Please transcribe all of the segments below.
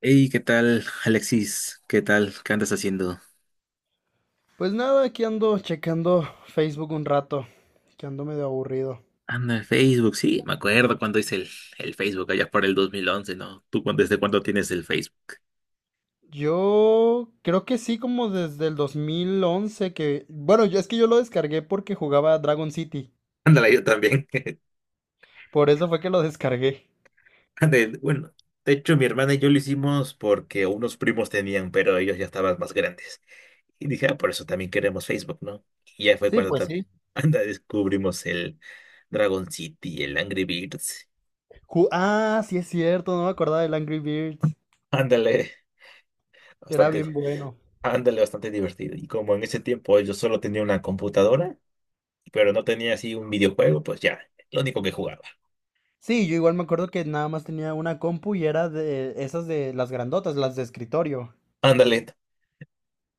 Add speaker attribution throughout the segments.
Speaker 1: Hey, ¿qué tal, Alexis? ¿Qué tal? ¿Qué andas haciendo?
Speaker 2: Pues nada, aquí ando checando Facebook un rato, que ando medio aburrido.
Speaker 1: Anda, el Facebook, sí, me acuerdo cuando hice el Facebook allá por el 2011, ¿no? ¿Tú cuándo- desde cuándo tienes el Facebook?
Speaker 2: Yo creo que sí, como desde el 2011 que. Bueno, es que yo lo descargué porque jugaba Dragon City.
Speaker 1: Ándale, yo también.
Speaker 2: Por eso fue que lo descargué.
Speaker 1: Ándale, bueno, de hecho, mi hermana y yo lo hicimos porque unos primos tenían, pero ellos ya estaban más grandes. Y dije, ah, por eso también queremos Facebook, ¿no? Y ya fue
Speaker 2: Sí,
Speaker 1: cuando
Speaker 2: pues
Speaker 1: también,
Speaker 2: sí.
Speaker 1: anda, descubrimos el Dragon City, el Angry Birds.
Speaker 2: Sí es cierto, no me acordaba del Angry Birds.
Speaker 1: Ándale,
Speaker 2: Era
Speaker 1: bastante.
Speaker 2: bien bueno.
Speaker 1: Ándale, bastante divertido. Y como en ese tiempo yo solo tenía una computadora, pero no tenía así un videojuego, pues ya, lo único que jugaba.
Speaker 2: Sí, yo igual me acuerdo que nada más tenía una compu y era de esas de las grandotas, las de escritorio.
Speaker 1: Ándale,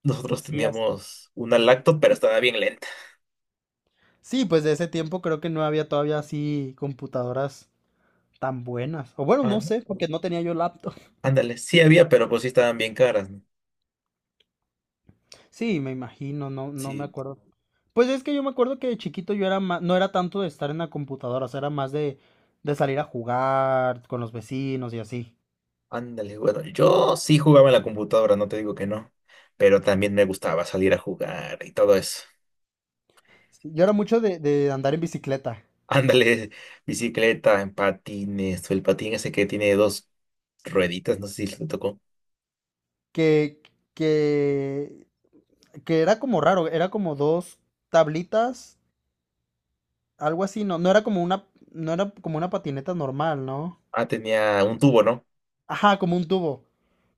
Speaker 1: nosotros
Speaker 2: Sí, así.
Speaker 1: teníamos una laptop, pero estaba bien lenta.
Speaker 2: Sí, pues de ese tiempo creo que no había todavía así computadoras tan buenas. O bueno,
Speaker 1: Ah,
Speaker 2: no
Speaker 1: ¿no?
Speaker 2: sé, porque no tenía yo laptop.
Speaker 1: Ándale, sí había, pero pues sí estaban bien caras, ¿no?
Speaker 2: Sí, me imagino, no, no me
Speaker 1: Sí,
Speaker 2: acuerdo. Pues es que yo me acuerdo que de chiquito yo era más, no era tanto de estar en la computadora, o sea, era más de salir a jugar con los vecinos y así.
Speaker 1: ándale, bueno, yo sí jugaba en la computadora, no te digo que no, pero también me gustaba salir a jugar y todo eso.
Speaker 2: Sí, yo era mucho de andar en bicicleta,
Speaker 1: Ándale, bicicleta, en patines, o el patín ese que tiene dos rueditas, no sé si le tocó.
Speaker 2: que, que, que era como raro, era como dos tablitas, algo así, no, no era como una, no era como una patineta normal, ¿no?
Speaker 1: Ah, tenía un tubo, ¿no?
Speaker 2: Ajá, como un tubo.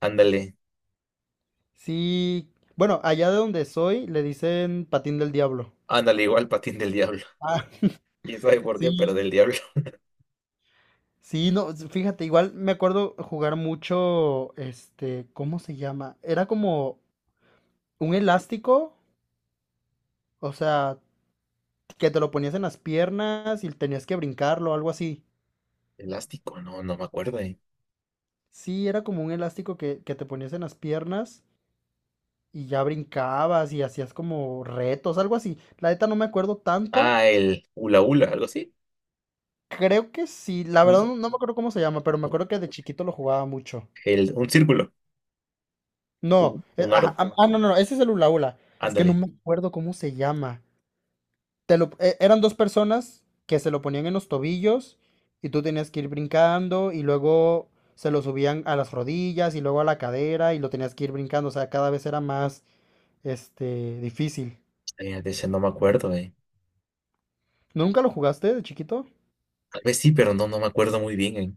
Speaker 1: Ándale.
Speaker 2: Sí, bueno, allá de donde soy le dicen patín del diablo.
Speaker 1: Ándale, igual patín del diablo.
Speaker 2: Ah,
Speaker 1: ¿Quién sabe por qué? Pero
Speaker 2: sí.
Speaker 1: del diablo.
Speaker 2: Sí, no, fíjate, igual me acuerdo jugar mucho, este, ¿cómo se llama? Era como un elástico, o sea, que te lo ponías en las piernas y tenías que brincarlo, algo así.
Speaker 1: Elástico, no, no me acuerdo,
Speaker 2: Sí, era como un elástico que te ponías en las piernas y ya brincabas y hacías como retos, algo así. La neta no me acuerdo tanto.
Speaker 1: Ah, el hula hula, algo así.
Speaker 2: Creo que sí, la verdad
Speaker 1: Un,
Speaker 2: no me acuerdo cómo se llama, pero me acuerdo que de chiquito lo jugaba mucho.
Speaker 1: un círculo,
Speaker 2: No,
Speaker 1: un, un
Speaker 2: ajá,
Speaker 1: aro.
Speaker 2: no, no, no, ese es el hula hula. Es que no
Speaker 1: Ándale.
Speaker 2: me acuerdo cómo se llama. Eran dos personas que se lo ponían en los tobillos y tú tenías que ir brincando y luego se lo subían a las rodillas y luego a la cadera y lo tenías que ir brincando. O sea, cada vez era más, difícil.
Speaker 1: De ese no me acuerdo,
Speaker 2: ¿No, nunca lo jugaste de chiquito?
Speaker 1: Tal vez sí, pero no, no me acuerdo muy bien,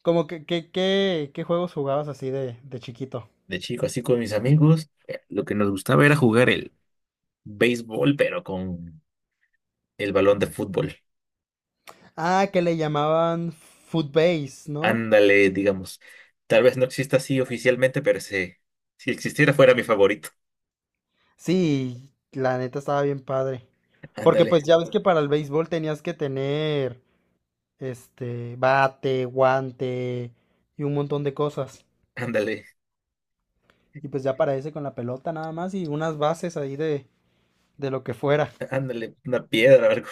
Speaker 2: Como que, ¿qué juegos jugabas así de chiquito?
Speaker 1: De chico, así con mis amigos, lo que nos gustaba era jugar el béisbol, pero con el balón de fútbol.
Speaker 2: Ah, que le llamaban Footbase, ¿no?
Speaker 1: Ándale, digamos. Tal vez no exista así oficialmente, pero si existiera fuera mi favorito.
Speaker 2: Sí, la neta estaba bien padre. Porque
Speaker 1: Ándale,
Speaker 2: pues ya ves que para el béisbol tenías que tener este bate, guante y un montón de cosas.
Speaker 1: ándale.
Speaker 2: Y pues ya para ese con la pelota nada más y unas bases ahí de lo que fuera.
Speaker 1: Ándale, una piedra,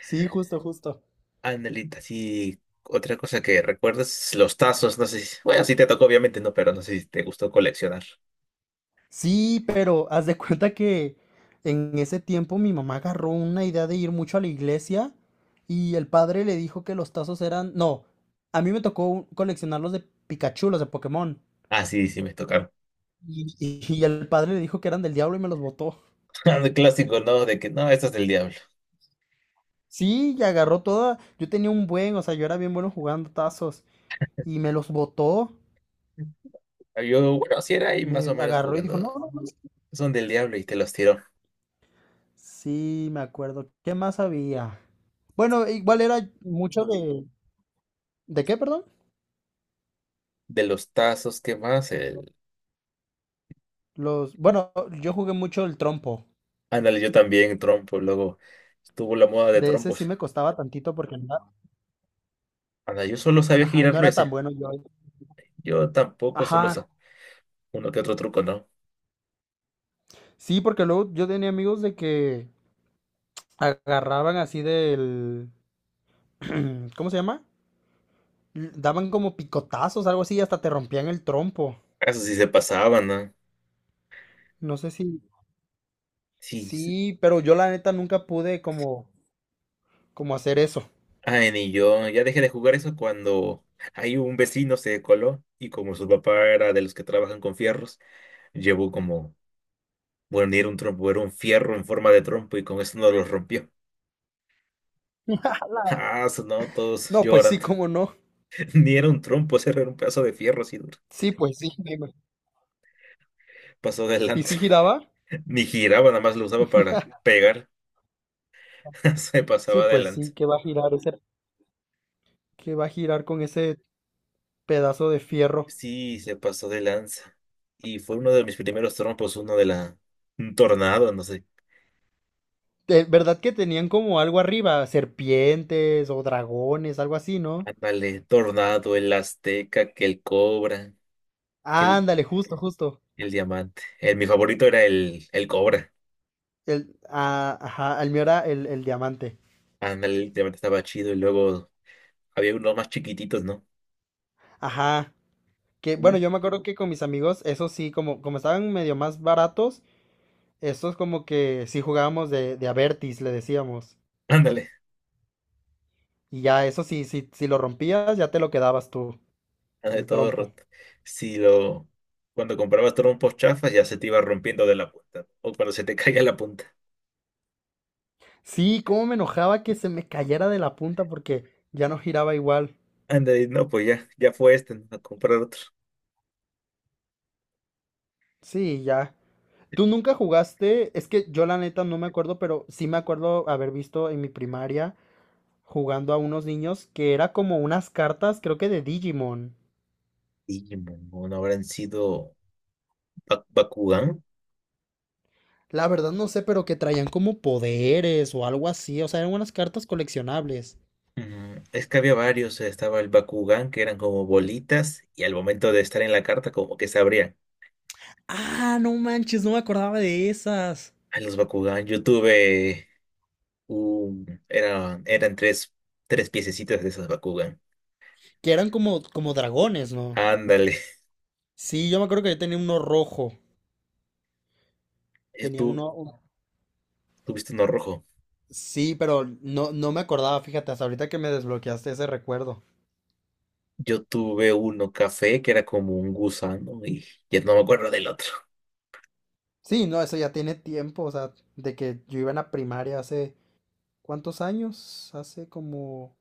Speaker 2: Sí, justo, justo.
Speaker 1: Anelita, sí. Otra cosa que recuerdas, los tazos, no sé si… Bueno,
Speaker 2: Lo-
Speaker 1: sí te tocó, obviamente, no, pero no sé si te gustó coleccionar.
Speaker 2: Sí, pero haz de cuenta que en ese tiempo mi mamá agarró una idea de ir mucho a la iglesia y el padre le dijo que los tazos eran. No, a mí me tocó coleccionarlos de Pikachu, los de Pokémon.
Speaker 1: Ah, sí, sí me tocaron.
Speaker 2: Y el padre le dijo que eran del diablo y me los botó.
Speaker 1: El clásico, ¿no? De que, no, esto es del diablo.
Speaker 2: Sí, y agarró toda. Yo tenía un buen, o sea, yo era bien bueno jugando tazos. Y me los botó.
Speaker 1: Yo, bueno, sí era ahí más o
Speaker 2: Me
Speaker 1: menos
Speaker 2: agarró y dijo:
Speaker 1: jugando.
Speaker 2: no, no, no.
Speaker 1: Son del diablo y te los tiró.
Speaker 2: Sí, me acuerdo. ¿Qué más había? Bueno, igual era mucho de. ¿De qué, perdón?
Speaker 1: De los tazos, ¿qué más? El…
Speaker 2: Los. Bueno, yo jugué mucho el trompo.
Speaker 1: Ándale, yo también, trompo. Luego estuvo la moda de
Speaker 2: De ese sí
Speaker 1: trompos.
Speaker 2: me costaba tantito porque no era,
Speaker 1: Ándale, yo solo sabía
Speaker 2: ajá, no
Speaker 1: girarlo
Speaker 2: era tan
Speaker 1: ese.
Speaker 2: bueno yo.
Speaker 1: Yo tampoco
Speaker 2: Ajá.
Speaker 1: uno que otro truco, ¿no?
Speaker 2: Sí, porque luego yo tenía amigos de que agarraban así del. ¿Cómo se llama? Daban como picotazos, algo así, y hasta te rompían el trompo.
Speaker 1: Eso sí se pasaban, ¿no?
Speaker 2: No sé si.
Speaker 1: Sí,
Speaker 2: Sí, pero yo la neta nunca pude como hacer eso.
Speaker 1: ay, ni yo, ya dejé de jugar eso cuando ahí un vecino se coló y como su papá era de los que trabajan con fierros, llevó como, bueno, ni era un trompo, era un fierro en forma de trompo y con eso no lo rompió. Ah, sonó todos
Speaker 2: No, pues sí,
Speaker 1: llorando.
Speaker 2: cómo no.
Speaker 1: Ni era un trompo, ese era un pedazo de fierro así duro.
Speaker 2: Sí, pues sí.
Speaker 1: Pasó de
Speaker 2: ¿Y
Speaker 1: lanza.
Speaker 2: si giraba?
Speaker 1: Ni giraba, nada más lo usaba para pegar. Se
Speaker 2: Sí,
Speaker 1: pasaba de
Speaker 2: pues
Speaker 1: lanza.
Speaker 2: sí, que va a girar ese, que va a girar con ese pedazo de fierro.
Speaker 1: Sí, se pasó de lanza. Y fue uno de mis primeros trompos, uno de la… Un tornado, no sé.
Speaker 2: De verdad que tenían como algo arriba, serpientes o dragones, algo así, ¿no?
Speaker 1: Ándale, Tornado, el Azteca, que el Cobra, que el,
Speaker 2: Ándale, justo, justo.
Speaker 1: el Diamante. Mi favorito era el Cobra.
Speaker 2: Ajá, el mío era el Diamante.
Speaker 1: Ándale, el Diamante estaba chido y luego había unos más chiquititos, ¿no?
Speaker 2: Ajá. Que bueno,
Speaker 1: Uno-
Speaker 2: yo me acuerdo que con mis amigos, eso sí, como estaban medio más baratos, estos como que sí jugábamos de Avertis, le decíamos.
Speaker 1: ándale,
Speaker 2: Y ya eso sí, sí, si lo rompías, ya te lo quedabas tú,
Speaker 1: ándale,
Speaker 2: el
Speaker 1: todo
Speaker 2: trompo.
Speaker 1: roto. Si lo, cuando comprabas trompos chafas ya se te iba rompiendo de la punta. O cuando se te caía la punta.
Speaker 2: Sí, cómo me enojaba que se me cayera de la punta porque ya no giraba igual.
Speaker 1: Ándale, no, pues ya, ya fue este, ¿no? A comprar otro.
Speaker 2: Sí, ya. ¿Tú nunca jugaste? Es que yo la neta no me acuerdo, pero sí me acuerdo haber visto en mi primaria jugando a unos niños que era como unas cartas, creo que de Digimon.
Speaker 1: Y, no, habrán sido Bakugan.
Speaker 2: La verdad no sé, pero que traían como poderes o algo así. O sea, eran unas cartas coleccionables.
Speaker 1: Mm, es que había varios, estaba el Bakugan, que eran como bolitas, y al momento de estar en la carta, como que se abrían.
Speaker 2: Ah, no manches, no me acordaba de esas.
Speaker 1: Ay, los Bakugan, yo tuve un… Eran tres, tres piececitas de esos Bakugan.
Speaker 2: Que eran como dragones, ¿no?
Speaker 1: Ándale,
Speaker 2: Sí, yo me acuerdo que yo tenía uno rojo.
Speaker 1: yo
Speaker 2: Tenía
Speaker 1: tú
Speaker 2: uno.
Speaker 1: tuviste uno rojo.
Speaker 2: Sí, pero no, no me acordaba, fíjate, hasta ahorita que me desbloqueaste ese recuerdo.
Speaker 1: Yo tuve uno café, que era como un gusano, y ya no me acuerdo del otro.
Speaker 2: Sí, no, eso ya tiene tiempo, o sea, de que yo iba en la primaria hace. ¿Cuántos años? Hace como.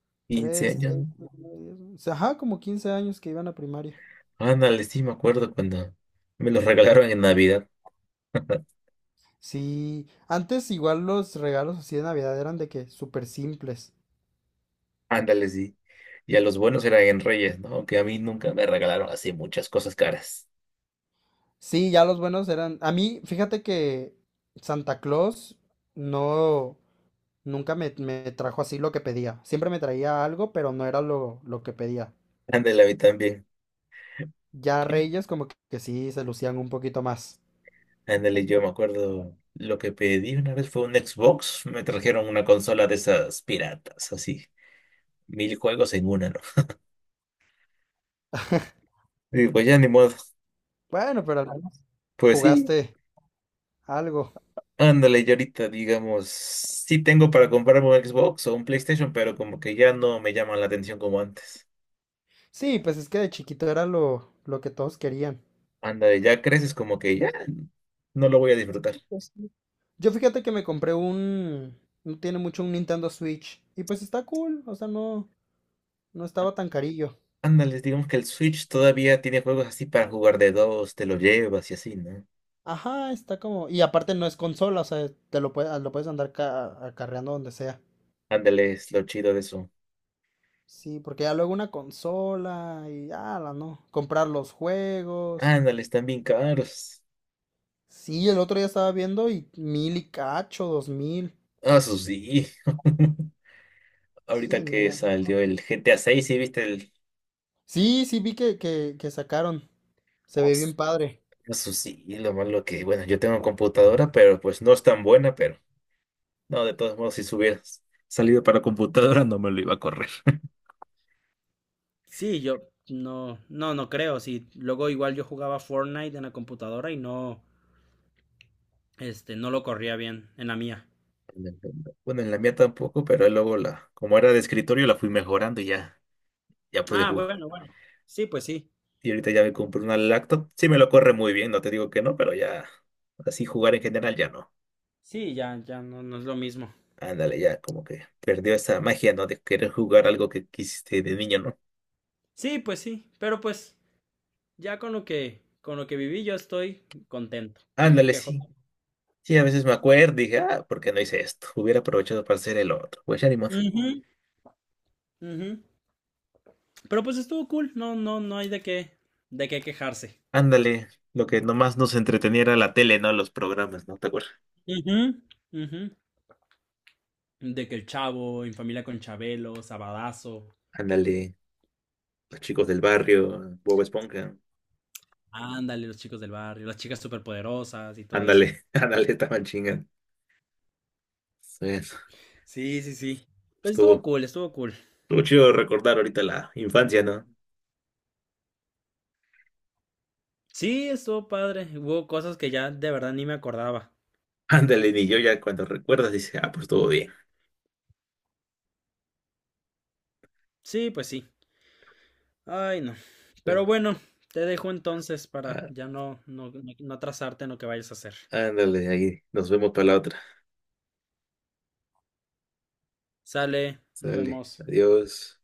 Speaker 1: 15
Speaker 2: Tres,
Speaker 1: años,
Speaker 2: seis,
Speaker 1: ¿no?
Speaker 2: nueve, diez, once, ajá, como 15 años que iba en la primaria.
Speaker 1: Ándale, sí, me acuerdo cuando me los regalaron en Navidad.
Speaker 2: Sí, antes igual los regalos así de Navidad eran de que súper simples.
Speaker 1: Ándale, sí. Y a los buenos eran en Reyes, ¿no? Que a mí nunca me regalaron así muchas cosas caras.
Speaker 2: Sí, ya los buenos eran. A mí, fíjate que Santa Claus no, nunca me trajo así lo que pedía. Siempre me traía algo, pero no era lo que pedía.
Speaker 1: Ándale, a mí también.
Speaker 2: Ya
Speaker 1: Sí.
Speaker 2: Reyes como que sí se lucían un poquito más.
Speaker 1: Ándale, yo me acuerdo lo que pedí una vez fue un Xbox. Me trajeron una consola de esas piratas, así. Mil juegos en una, ¿no? Y pues ya ni modo.
Speaker 2: Bueno, pero al menos
Speaker 1: Pues sí,
Speaker 2: jugaste algo.
Speaker 1: ándale, yo ahorita, digamos, sí tengo para comprarme un Xbox o un PlayStation, pero como que ya no me llaman la atención como antes.
Speaker 2: Sí, pues es que de chiquito era lo que todos querían.
Speaker 1: Ándale, ya creces como que ya no lo voy a disfrutar.
Speaker 2: Yo fíjate que me compré no tiene mucho un Nintendo Switch y pues está cool, o sea, no, no estaba tan carillo.
Speaker 1: Ándale, digamos que el Switch todavía tiene juegos así para jugar de dos, te lo llevas y así, ¿no?
Speaker 2: Ajá, está como, y aparte no es consola, o sea, lo puedes andar acarreando donde sea.
Speaker 1: Ándale, es lo chido de eso.
Speaker 2: Sí, porque ya luego una consola y ya la no, comprar los juegos.
Speaker 1: Ándale, están bien caros.
Speaker 2: Sí, el otro día estaba viendo y 1,000 y cacho, 2,000.
Speaker 1: Ah, eso sí. Ahorita
Speaker 2: Sí, no
Speaker 1: que
Speaker 2: mames.
Speaker 1: salió el GTA 6, ¿sí viste el…
Speaker 2: Sí, sí vi que sacaron. Se
Speaker 1: Ah,
Speaker 2: ve bien padre.
Speaker 1: eso sí, lo malo que, bueno, yo tengo computadora, pero pues no es tan buena, pero no, de todos modos, si hubieras salido para computadora, no me lo iba a correr.
Speaker 2: Sí, yo no, no, no creo. Sí, luego igual yo jugaba Fortnite en la computadora y no, no lo corría bien en la mía.
Speaker 1: Bueno, en la mía tampoco, pero luego como era de escritorio, la fui mejorando y ya, ya pude
Speaker 2: Ah,
Speaker 1: jugar.
Speaker 2: bueno, bueno. Sí, pues sí.
Speaker 1: Y ahorita ya me compré una lacto. Sí me lo corre muy bien, no te digo que no, pero ya así jugar en general ya no.
Speaker 2: Sí, ya, ya no, no es lo mismo.
Speaker 1: Ándale, ya como que perdió esa magia, ¿no? De querer jugar algo que quisiste de niño, ¿no?
Speaker 2: Sí, pues sí. Pero pues, ya con lo que viví, yo estoy contento. No me
Speaker 1: Ándale,
Speaker 2: quejo.
Speaker 1: sí. Sí, a veces me acuerdo, y dije, ah, ¿por qué no hice esto? Hubiera aprovechado para hacer el otro. Pues ya ni modo.
Speaker 2: Ujú, ujú. Pero pues estuvo cool. No, no, no hay de qué quejarse.
Speaker 1: Ándale, lo que nomás nos entretenía era la tele, ¿no? Los programas, ¿no? ¿Te acuerdas?
Speaker 2: Ujú, ujú. De que el Chavo, En Familia con Chabelo, Sabadazo.
Speaker 1: Ándale, los chicos del barrio, Bob Esponja.
Speaker 2: Ándale, los chicos del barrio, las chicas superpoderosas y todo eso.
Speaker 1: Ándale, ándale, estaban chingando. Sí,
Speaker 2: Sí, sí, sí. Pues estuvo
Speaker 1: estuvo,
Speaker 2: cool, estuvo cool.
Speaker 1: estuvo chido recordar ahorita la infancia, ¿no?
Speaker 2: Sí, estuvo padre. Hubo cosas que ya de verdad ni me acordaba.
Speaker 1: Ándale, ni yo ya cuando recuerdas dice, ah, pues estuvo bien.
Speaker 2: Sí, pues sí. Ay, no.
Speaker 1: Bueno,
Speaker 2: Pero bueno, te dejo entonces para
Speaker 1: á-
Speaker 2: ya no, no, no, no atrasarte en lo que vayas a hacer.
Speaker 1: ándale, ahí nos vemos para la otra.
Speaker 2: Sale, nos
Speaker 1: Sale,
Speaker 2: vemos.
Speaker 1: adiós.